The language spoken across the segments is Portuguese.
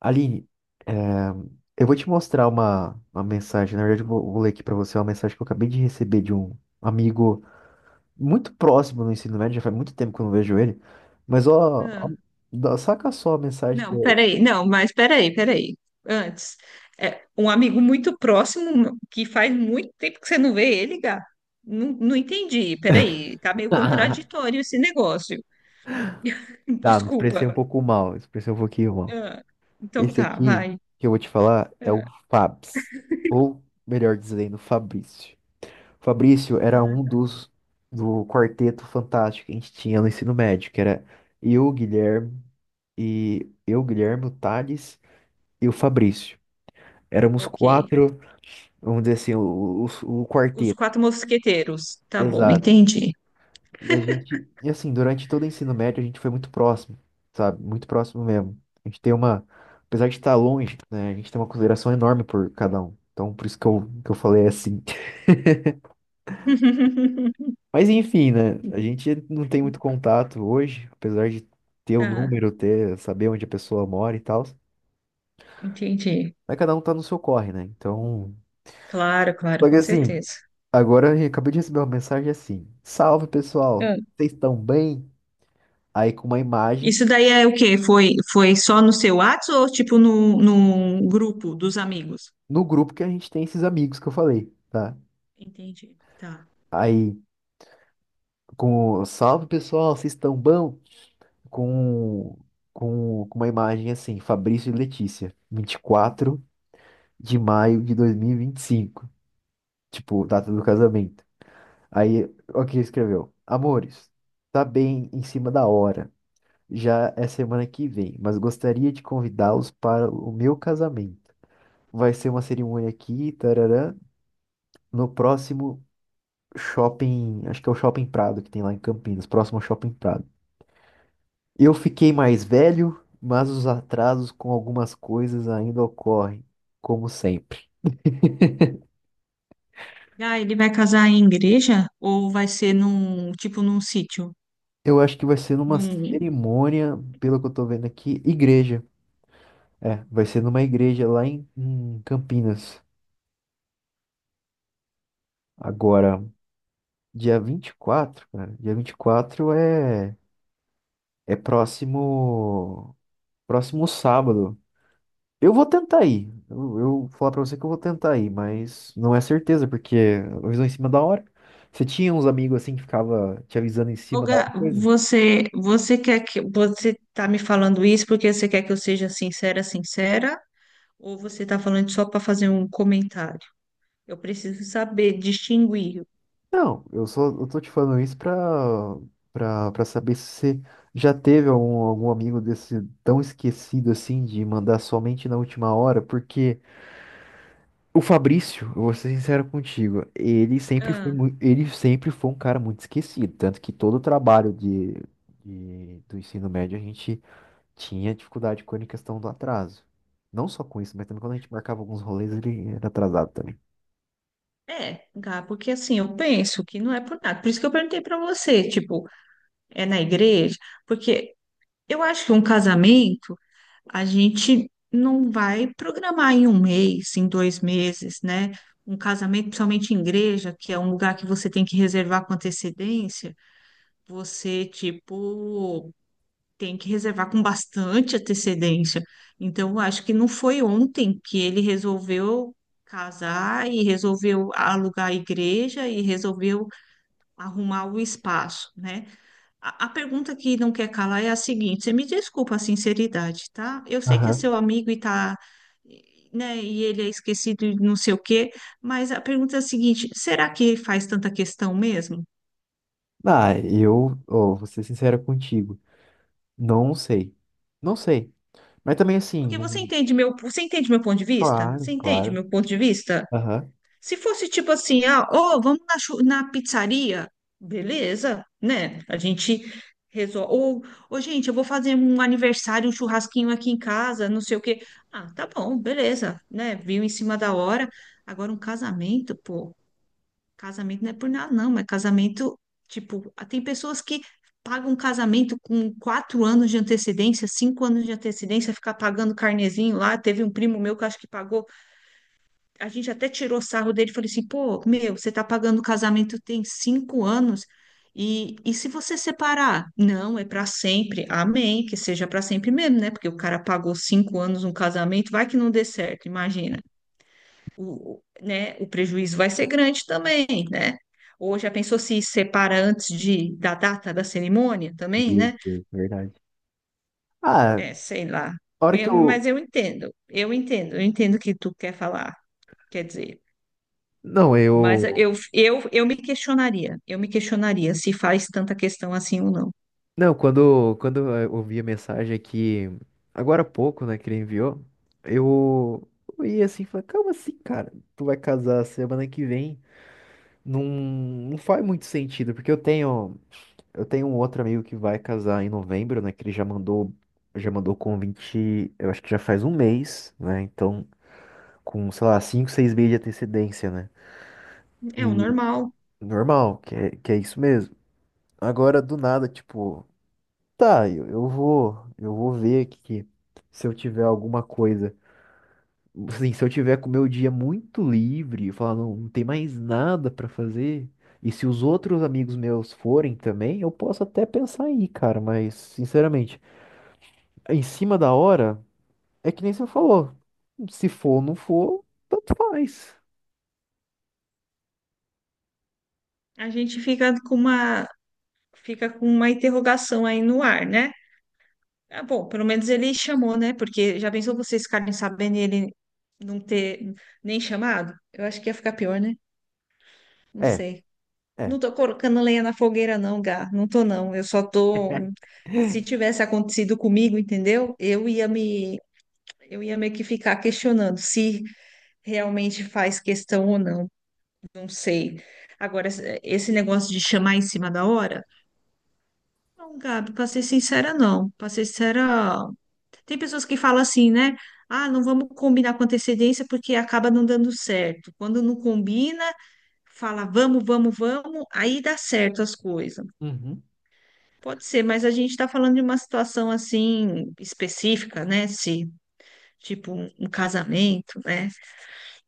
Aline, é, eu vou te mostrar uma mensagem. Na verdade, eu vou ler aqui pra você é uma mensagem que eu acabei de receber de um amigo muito próximo no ensino médio. Já faz muito tempo que eu não vejo ele. Mas, Ah, saca só a mensagem que não, eu. peraí, não, mas peraí, peraí. Antes, um amigo muito próximo que faz muito tempo que você não vê ele, Gá. Não, não entendi, peraí, tá meio contraditório esse negócio. Tá, me expressei Desculpa. um pouco mal. Expressei um pouquinho mal. Ah, então Esse tá, aqui vai. que eu vou te falar é o Ah, Fabs. Ou, melhor dizendo, Fabrício. Fabrício era ah, um dos do quarteto fantástico que a gente tinha no ensino médio, que era eu, Guilherme. O Thales e o Fabrício. Éramos ok. quatro, vamos dizer assim, o Os quarteto. quatro mosqueteiros. Tá bom, Exato. entendi. E a gente, e assim, durante todo o ensino médio a gente foi muito próximo, sabe? Muito próximo mesmo. A gente tem uma, apesar de estar longe, né, a gente tem uma consideração enorme por cada um. Então, por isso que eu falei assim. Mas enfim, né? A gente não tem muito contato hoje, apesar de ter o Tá, número, ter, saber onde a pessoa mora e tal. entendi. Mas cada um tá no seu corre, né? Então, Claro, claro, só que com assim, certeza. agora eu acabei de receber uma mensagem assim: salve pessoal, Ah, vocês estão bem? Aí com uma imagem isso daí é o quê? Foi só no seu WhatsApp ou tipo no grupo dos amigos? no grupo que a gente tem esses amigos que eu falei, tá? Entendi. Tá. Aí com o, salve pessoal, vocês estão bom? Com, com uma imagem assim: Fabrício e Letícia, 24 de maio de 2025, tipo, data do casamento. Aí, o que escreveu? Amores, tá bem em cima da hora, já é semana que vem, mas gostaria de convidá-los para o meu casamento. Vai ser uma cerimônia aqui, tarará, no próximo shopping, acho que é o Shopping Prado que tem lá em Campinas, próximo ao Shopping Prado. Eu fiquei mais velho, mas os atrasos com algumas coisas ainda ocorrem, como sempre. Ah, ele vai casar em igreja ou vai ser tipo num sítio? Eu acho que vai ser numa Num... cerimônia, pelo que eu tô vendo aqui, igreja. É, vai ser numa igreja lá em Campinas. Agora, dia 24 cara. Dia vinte e quatro é próximo sábado. Eu vou tentar ir. Eu vou falar pra você que eu vou tentar ir, mas não é certeza porque avisou em cima da hora. Você tinha uns amigos assim que ficava te avisando em Ô, cima da hora, Gá, coisa? você quer que você tá me falando isso porque você quer que eu seja sincera, sincera, ou você tá falando só para fazer um comentário? Eu preciso saber distinguir. Não, eu só eu tô te falando isso pra para saber se você já teve algum, algum amigo desse tão esquecido assim de mandar somente na última hora, porque o Fabrício, eu vou ser sincero contigo, Ah, ele sempre foi um cara muito esquecido, tanto que todo o trabalho do ensino médio a gente tinha dificuldade com a questão do atraso. Não só com isso, mas também quando a gente marcava alguns rolês, ele era atrasado também. Gá, porque assim, eu penso que não é por nada. Por isso que eu perguntei para você, tipo, é na igreja, porque eu acho que um casamento a gente não vai programar em um mês, em 2 meses, né? Um casamento, principalmente em igreja, que é um lugar que você tem que reservar com antecedência, você, tipo, tem que reservar com bastante antecedência. Então, eu acho que não foi ontem que ele resolveu casar e resolveu alugar a igreja e resolveu arrumar o espaço, né? A pergunta que não quer calar é a seguinte: você me desculpa a sinceridade, tá? Eu sei que é Aham. seu amigo e tá, né? E ele é esquecido e não sei o quê, mas a pergunta é a seguinte: será que faz tanta questão mesmo? Ah, eu, ó, vou ser sincero contigo, não sei, não sei, mas também assim, Porque não... você entende meu ponto de vista? Claro, Você entende claro, meu ponto de vista? aham. Se fosse tipo assim, ah, ó, vamos na pizzaria, beleza, né? A gente resolve. Ou, ô, gente, eu vou fazer um aniversário, um churrasquinho aqui em casa, não sei o quê. Ah, tá bom, beleza, né? Viu em cima da hora. Agora, um casamento, pô, casamento não é por nada, não, mas casamento, tipo, ah, tem pessoas que pagam um casamento com 4 anos de antecedência, 5 anos de antecedência, ficar pagando carnezinho lá. Teve um primo meu que acho que pagou a gente até tirou sarro dele, e falei assim, pô, meu, você tá pagando o casamento tem 5 anos, e se você separar? Não, é para sempre, amém, que seja para sempre mesmo, né? Porque o cara pagou 5 anos um casamento, vai que não dê certo, imagina. O prejuízo vai ser grande também, né? Ou já pensou se separa antes de, da data da cerimônia também, Meu né? Deus, verdade. Ah, É, sei lá. a hora que Eu, mas eu, eu entendo, eu entendo, eu entendo o que tu quer falar, quer dizer. não, Mas eu... eu, eu, eu me questionaria se faz tanta questão assim ou não. Não, quando eu ouvi a mensagem aqui, agora há pouco, né, que ele enviou, eu, eu ia assim, falei, calma assim, cara, tu vai casar semana que vem, não, não faz muito sentido, porque eu tenho um outro amigo que vai casar em novembro, né, que ele já mandou convite, eu acho que já faz um mês, né, então, com, sei lá, cinco, seis meses de antecedência, né, É o e normal. normal, que é isso mesmo. Agora, do nada, tipo... Tá, eu vou ver aqui se eu tiver alguma coisa. Assim, se eu tiver com o meu dia muito livre, eu falar, não, não tem mais nada pra fazer. E se os outros amigos meus forem também, eu posso até pensar aí, cara, mas sinceramente, em cima da hora, é que nem você falou. Se for ou não for, tanto faz. A gente fica com uma interrogação aí no ar, né? Ah, bom, pelo menos ele chamou, né? Porque já pensou vocês ficarem sabendo e ele não ter nem chamado? Eu acho que ia ficar pior, né? Não É, sei. é. Não tô colocando lenha na fogueira, não, Gá. Não tô, não. Eu só tô. Se tivesse acontecido comigo, entendeu? Eu ia meio que ficar questionando se realmente faz questão ou não, não sei. Agora, esse negócio de chamar em cima da hora, não, Gabi, para ser sincera, não. Para ser sincera, tem pessoas que falam assim, né? Ah, não vamos combinar com antecedência porque acaba não dando certo. Quando não combina, fala vamos, vamos, vamos, aí dá certo as coisas. Uhum. Pode ser, mas a gente está falando de uma situação assim específica, né? Se, tipo, um casamento, né?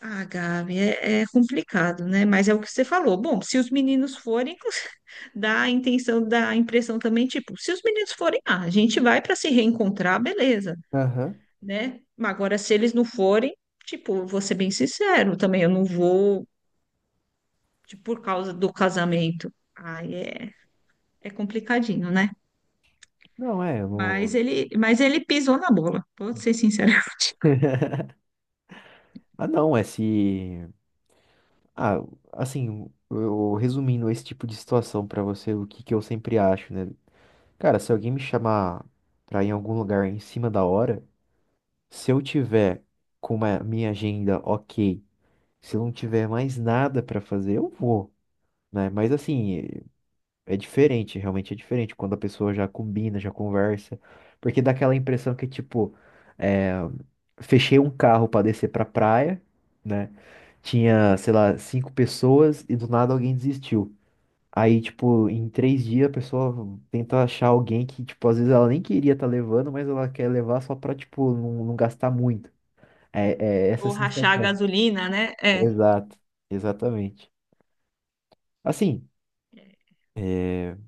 Ah, Gabi, é complicado, né? Mas é o que você falou. Bom, se os meninos forem, dá a intenção, dá a impressão também, tipo, se os meninos forem, ah, a gente vai para se reencontrar, beleza, Aham. né? Mas agora, se eles não forem, tipo, vou ser bem sincero, também eu não vou, tipo, por causa do casamento. Aí é complicadinho, né? Não, é, eu Mas não... ele, mas ele pisou na bola, vou ser sincera. Ah, não, é se. Ah, assim, eu resumindo esse tipo de situação pra você, o que que eu sempre acho, né? Cara, se alguém me chamar pra ir em algum lugar em cima da hora, se eu tiver com a minha agenda ok, se eu não tiver mais nada pra fazer, eu vou, né? Mas assim, é diferente, realmente é diferente quando a pessoa já combina, já conversa, porque dá aquela impressão que, tipo, é, fechei um carro pra descer pra praia, né? Tinha, sei lá, cinco pessoas e do nada alguém desistiu. Aí, tipo, em três dias a pessoa tenta achar alguém que, tipo, às vezes ela nem queria estar levando, mas ela quer levar só pra, tipo, não, não gastar muito. É, é essa Ou rachar a sensação. gasolina, né? É, Exato, exatamente. Assim,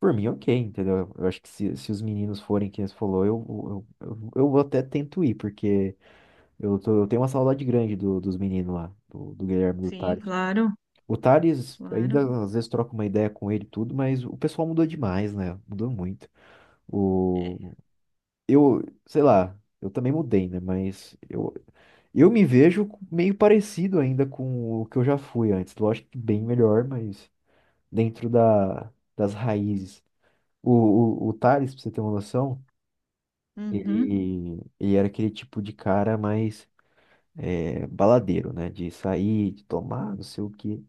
por mim, ok, entendeu? Eu acho que se os meninos forem quem você falou, eu vou até tento ir, porque eu tenho uma saudade grande dos meninos lá, do Guilherme e do sim, Thales. claro, O Thales, claro. ainda às vezes troca uma ideia com ele e tudo, mas o pessoal mudou demais, né? Mudou muito. É. O, eu, sei lá, eu também mudei, né? Mas eu me vejo meio parecido ainda com o que eu já fui antes. Lógico que bem melhor, mas dentro da, das raízes. O Thales, pra você ter uma noção, Uhum. ele era aquele tipo de cara mais é, baladeiro, né? De sair, de tomar, não sei o quê.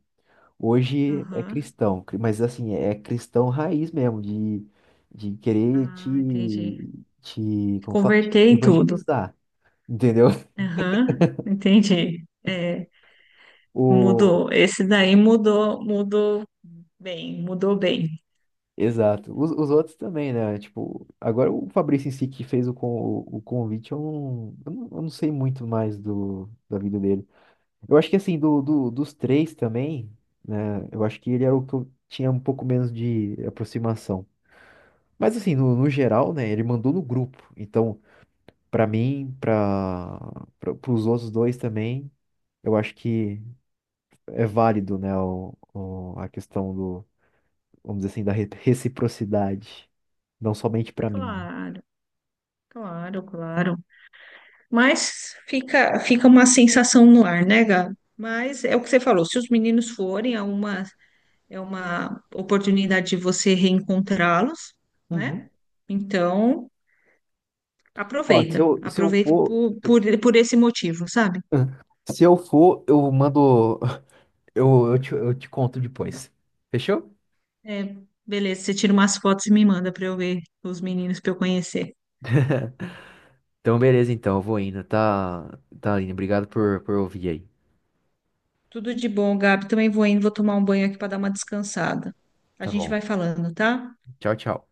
Hoje é Aham. cristão, mas assim, é cristão raiz mesmo, de querer te, Ah, entendi. te, como fala, te Converter tudo. evangelizar, entendeu? Aham, entendi. É, O, mudou. Esse daí mudou, mudou bem, mudou bem. exato. Os outros também, né? Tipo, agora o Fabrício em si que fez o, con, o convite, eu não sei muito mais do, da vida dele. Eu acho que assim, dos três também, né? Eu acho que ele era o que eu tinha um pouco menos de aproximação. Mas assim, no, no geral, né? Ele mandou no grupo. Então, pra mim, para os outros dois também, eu acho que é válido, né? A questão do, vamos dizer assim, da reciprocidade. Não somente pra mim. Claro, claro, claro. Mas fica uma sensação no ar, né, Gabi? Mas é o que você falou, se os meninos forem, é uma oportunidade de você reencontrá-los, né? Uhum. Então, Ó, se aproveita, eu, se eu aproveita for. por, Se eu por, por esse motivo, sabe? ah, se eu for, eu mando. Eu te conto depois. Fechou? É, beleza, você tira umas fotos e me manda pra eu ver os meninos pra eu conhecer. Então, beleza, então, eu vou indo, tá, Aline? Obrigado por ouvir aí. Tudo de bom, Gabi. Também vou indo, vou tomar um banho aqui pra dar uma descansada. A Tá gente bom. vai falando, tá? Tchau, tchau.